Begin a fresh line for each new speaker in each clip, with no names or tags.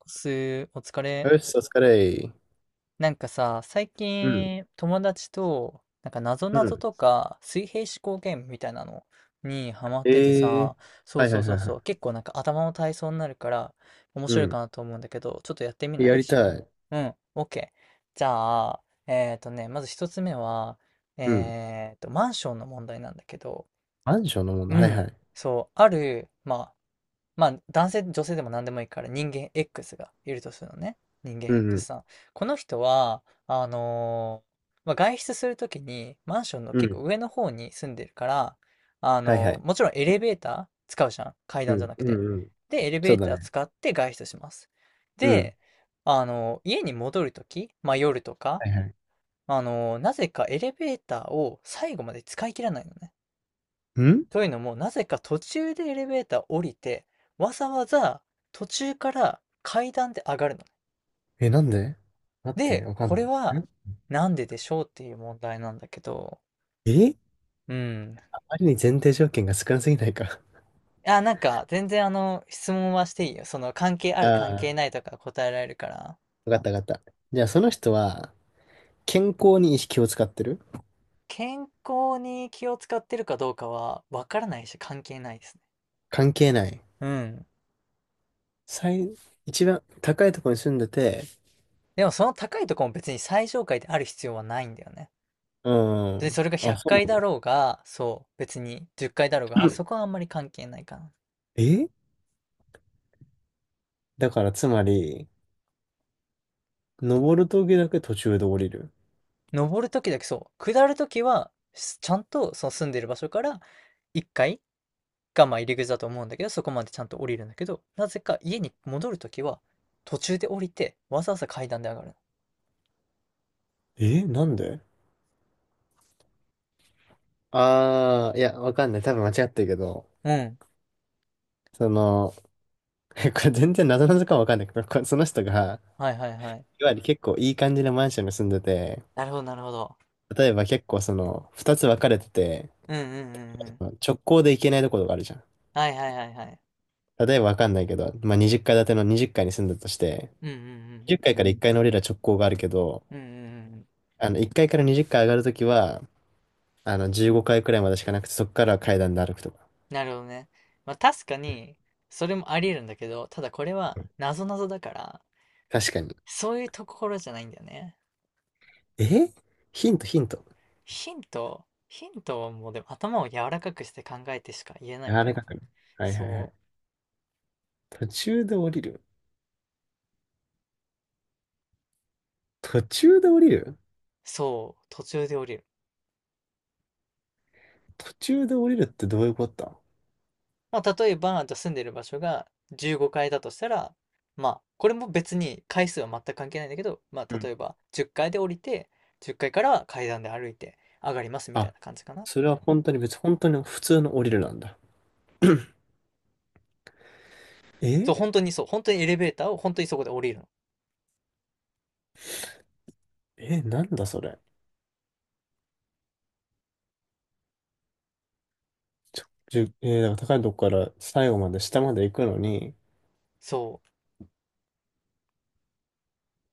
おす、お疲れ。
よし、お疲れ。
なんかさ、最
うん、
近友達と、なんか謎ぞ
う
なぞ
ん。
とか水平思考ゲームみたいなのにハマってて
ええ、
さ、そう
はいは
そう
い
そ
は
う
いは
そ
い。
う、結構なんか頭の体操になるから面
う
白いか
ん。
なと思うんだけど、ちょっとやってみない
やり
一緒に？
たい。
うん、OK。じゃあ、まず一つ目は、
うん。
マンションの問題なんだけど、
マンションのもの。
う
はいは
ん、
い。
そう、ある、まあ、男性、女性でも何でもいいから、人間 X がいるとするのね。人間
うんう
X
ん。
さん。この人は、まあ、外出するときに、マンションの
う
結構
ん。
上の方に住んでるから、
はいはい。
もちろんエレベーター使うじゃん。階
う
段じゃ
ん。
なく
う
て。
んうん。
で、エレベ
そう
ー
だ
ター
ね。
使って外出します。
うん。
で、家に戻るとき、まあ、夜とか、
はいはい。
なぜかエレベーターを最後まで使い切らないのね。
ん。
というのも、なぜか途中でエレベーター降りて、わざわざ途中から階段で上がるのね。
え、なんで？待って、
で、
わかん
これ
ない。
はなんででしょうっていう問題なんだけど、
え、
うん。
あまりに前提条件が少なすぎないか？
あ、なんか全然質問はしていいよ。その関係 あ
あ
る関係
あ、
ないとか答えられるから。
わかったわかった。じゃあ、その人は、健康に意識を使ってる？
健康に気を使ってるかどうかはわからないし関係ないですね。
関係ない。
うん。
最、一番高いところに住んでて、
でもその高いとこも別に最上階である必要はないんだよね。
う
で、
ん。
それが
あ、
100
そ
回だ
う
ろうが、そう、別に10回だろうが、
な
あ
んだ。
そこはあんまり関係ないかな。
え、だからつまり、登る時だけ途中で降りる。
登るときだけそう、下るときは、ちゃんとその住んでる場所から1階がまあ入り口だと思うんだけど、そこまでちゃんと降りるんだけど、なぜか家に戻るときは、途中で降りて、わざわざ階段で上がるの。
え、なんで？ああー、いや、わかんない。多分間違ってるけど、
うん。
その、これ全然謎々かもわかんないけど、その人が、
はいはいはい。
いわゆる結構いい感じのマンションに住んでて、
なるほどなるほど。
例えば結構その、二つ分かれてて、
うんうんうんうん。
直行で行けないところがあるじゃん。
はいはいはいはい。
例えばわかんないけど、まあ、20階建ての20階に住んだとして、
うんうんうんう
10
ん。
階かいから1階の降りる直行があるけど、
うんうんうんうん。
1階かいから20階上がるときは、15階くらいまでしかなくて、そこからは階段で歩くとか。
なるほどね。まあ確かに、それもあり得るんだけど、ただこれは、なぞなぞだから、
確かに。
そういうところじゃないんだよね。
え、ヒント、ヒント。
ヒント、ヒントはもうでも頭を柔らかくして考えてしか言えない
あ
か
らか
な。
くね。はいはいはい。
そう、
途中で降りる。途中で降りる。
そう、途中で降りる。
途中で降りるってどういうことだ？
まあ例えば、じゃあ住んでる場所が15階だとしたら、まあ、これも別に回数は全く関係ないんだけど、ま
う
あ例
ん。
えば10階で降りて、10階から階段で歩いて上がりますみたい
あ、
な感じかな。
それは本当に普通の降りるなんだ。
そう、
え
本当にそう、本当にエレベーターを本当にそこで降りるの。
え、なんだそれ。ちょ、じゅ、えーだから高いとこから最後まで下まで行くのに、
そう。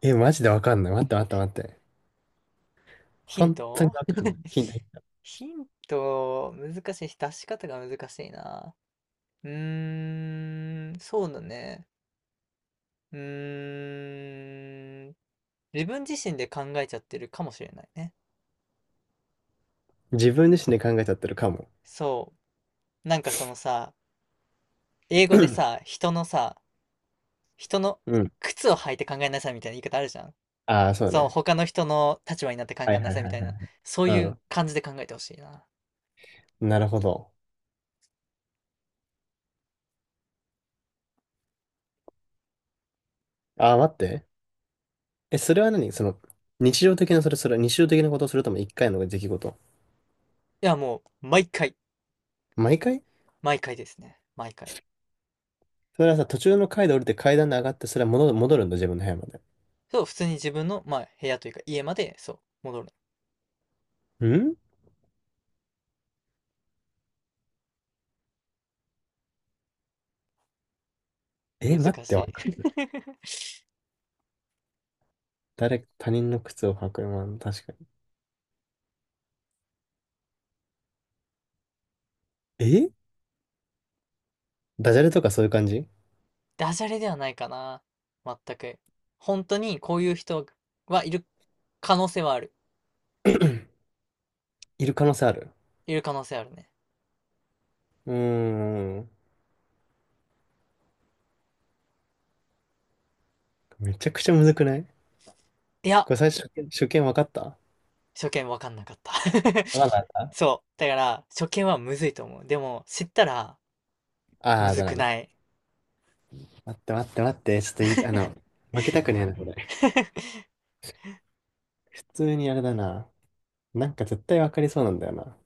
え、マジでわかんない。待って待って待って。
ヒン
本当に
ト
わかんな い。ヒント、ヒント。
ヒント、難しいし、出し方が難しいな。うーん、そうだね。うーん、自分自身で考えちゃってるかもしれないね。
自分自身で考えちゃってるかも。
そう。なんかそのさ、英語でさ、人の
うん。
靴を履いて考えなさいみたいな言い方あるじゃん。
ああ、そう
そう、
ね。
他の人の立場になって考
は
え
い
な
はい
さい
は
み
い
たい
は
な、
い。
そういう感じで考えてほしいな。
うん。なるほど。ああ、待って。え、それは何その、日常的な、それは日常的なことをするとも一回の出来事？
いや、もう、毎回、
毎回？
毎回ですね。毎回。
それはさ、途中の階で降りて階段で上がって、それは戻るんだ、自分の部屋まで。
そう、普通に自分の、まあ、部屋というか家まで、そう、戻る
ん。
の。
え、待っ
難し
て、
い。
誰、他人の靴を履く、まあ、確かに。え、ダジャレとかそういう感じ？
ダジャレではないかな。全く。本当にこういう人はいる可能性はある。
いる可能性ある？
いる可能性あるね。
うーん。めちゃくちゃむずくない？
いや、
これ最初、初見、初見分かった？わ
初見わかんなかった。
かんなかった。
そう。だから、初見はむずいと思う。でも、知ったら、む
ああー、
ず
だから
く
ね。
ない。
待って待って待って、ちょっといい、負けたくねえな、これ。
普
普通にあれだな。なんか絶対分かりそうなんだよな。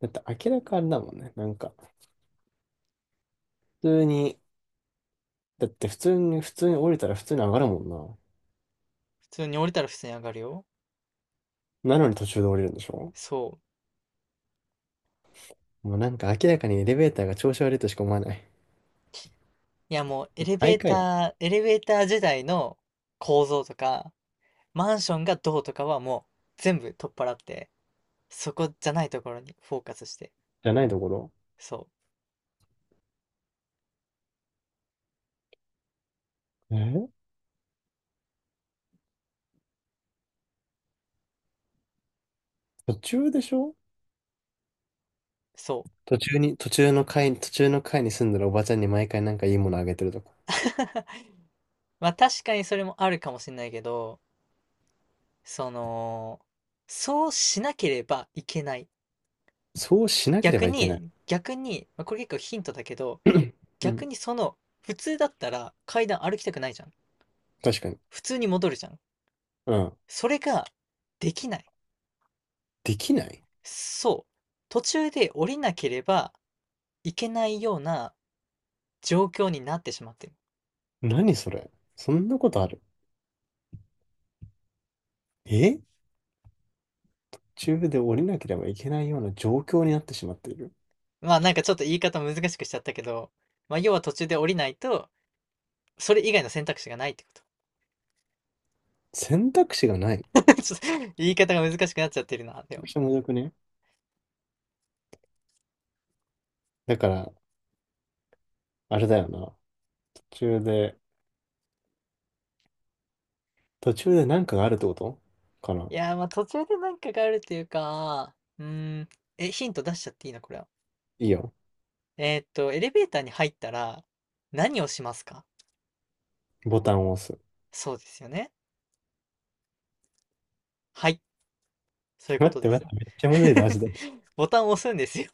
だって明らかあれだもんね。なんか、普通に、だって普通に降りたら普通に上がるもん
通に降りたら普通に上がるよ。
な。なのに途中で降りるんでしょ？
そう。
もうなんか明らかにエレベーターが調子悪いとしか思わない。
いや、もう、エレベ
毎
ー
回？
ター、エレベーター時代の構造とか、マンションがどうとかはもう全部取っ払って、そこじゃないところにフォーカスして。
じゃないところ。
そう、
え、途中でしょ？
そう
途中に、途中の階に住んでるおばちゃんに毎回なんかいいものあげてるとか。
まあ確かにそれもあるかもしれないけど、その、そうしなければいけない。
そうしなけれ
逆
ばいけない。
に、逆に、まあ、これ結構ヒントだけど、
う
逆
ん。
に普通だったら階段歩きたくないじゃん。
確かに。
普通に戻るじゃん。
うん。
それができない。
できない？
そう。途中で降りなければいけないような状況になってしまってる。
何それ？そんなことある？え、途中で降りなければいけないような状況になってしまっている。
まあ、なんかちょっと言い方難しくしちゃったけど、まあ、要は途中で降りないと、それ以外の選択肢がないってこと。
選択肢がない？
ちょっと言い方が難しくなっちゃってるな、で
めちゃく
も。
ちゃむずくね？だから、あれだよな。途中で、途中でなんかがあるってことかな。
いやー、まあ途中でなんかがあるっていうか、ん、ヒント出しちゃっていいのこれは？
いいよ。
エレベーターに入ったら何をしますか？
ボタンを押す。
そうですよね。はい、そういうこ
待っ
と
て
で
待
す
っ
ね。
て、めっちゃむずいだマジ で。
ボタンを押すんですよ。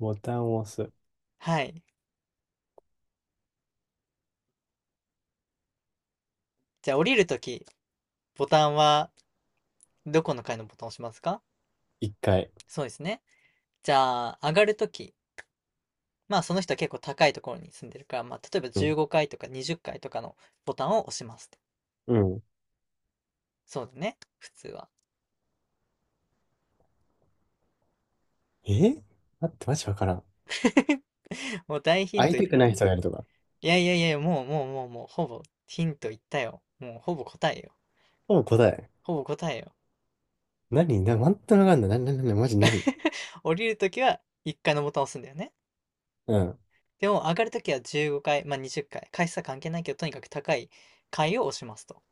ボタンを押す。
はい。じゃあ降りるとき、ボタンはどこの階のボタンを押しますか？
一回。
そうですね。じゃあ、上がるとき、まあその人は結構高いところに住んでるから、まあ例えば
うん。
15階とか20階とかのボタンを押しますって。
うん。
そうだね、普通は。
え、待って、マジわからん。
もう大ヒン
会
ト
い
い
たくない人がいるとか。
やいやいや、もうもうもうもう、ほぼヒント言ったよ。もうほぼ答えよ。
ほぼ答え。
ほぼ答えよ。
何な、全くわかんない。な、な、な、な、マジ何？
降りるときは1階のボタンを押すんだよね。
うん。
でも上がるときは15階、まあ20階、回数は関係ないけど、とにかく高い階を押しますと。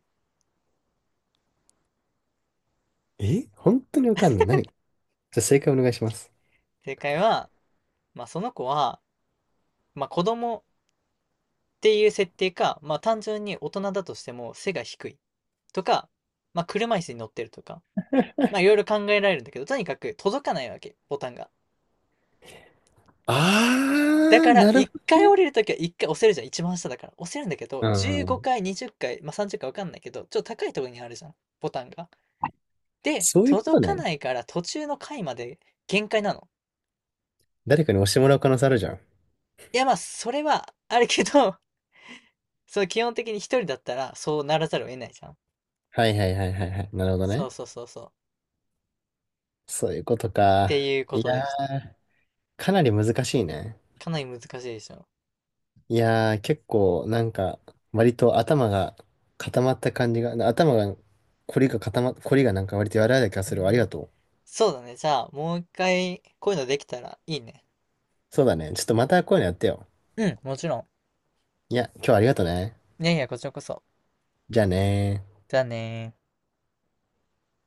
え、本当にわかんない。何じゃあ正解お願いします。
正解は、まあその子は、まあ子供っていう設定か、まあ単純に大人だとしても背が低い。とか、まあ、車椅子に乗ってるとか、まあ、いろいろ考えられるんだけど、とにかく届かないわけ、ボタンが。だ
あ
か
ー、
ら、
なる
一
ほど
回降
ね。
りるときは一回押せるじゃん、一番下だから。押せるんだけど、
う
15
ん。
回、20回、まあ、30回わかんないけど、ちょっと高いところにあるじゃん、ボタンが。で、
そういうこ
届
と
か
ね。
ないから途中の回まで限界なの。
誰かに押してもらう可能性あるじゃん。
いや、まあ、それはあるけど、そう、基本的に一人だったら、そうならざるを得ないじゃん。
はいはいはいはいはい。なるほど
そう
ね。
そうそうそう。っ
そういうこと
て
か。
いうこ
い
と
や
です。
ー、かなり難しいね。
かなり難しいでしょ。
いやー、結構なんか、割と頭が固まった感じが、凝りがなんか割と柔らかい気がするわ。ありがとう。
そうだね。じゃあ、もう一回、こういうのできたらいいね。
そうだね。ちょっとまたこういうのやってよ。
うん、もちろ
いや、今日はありがとね。
ん。いやいや、こちらこそ。
じゃあねー。
じゃあねー。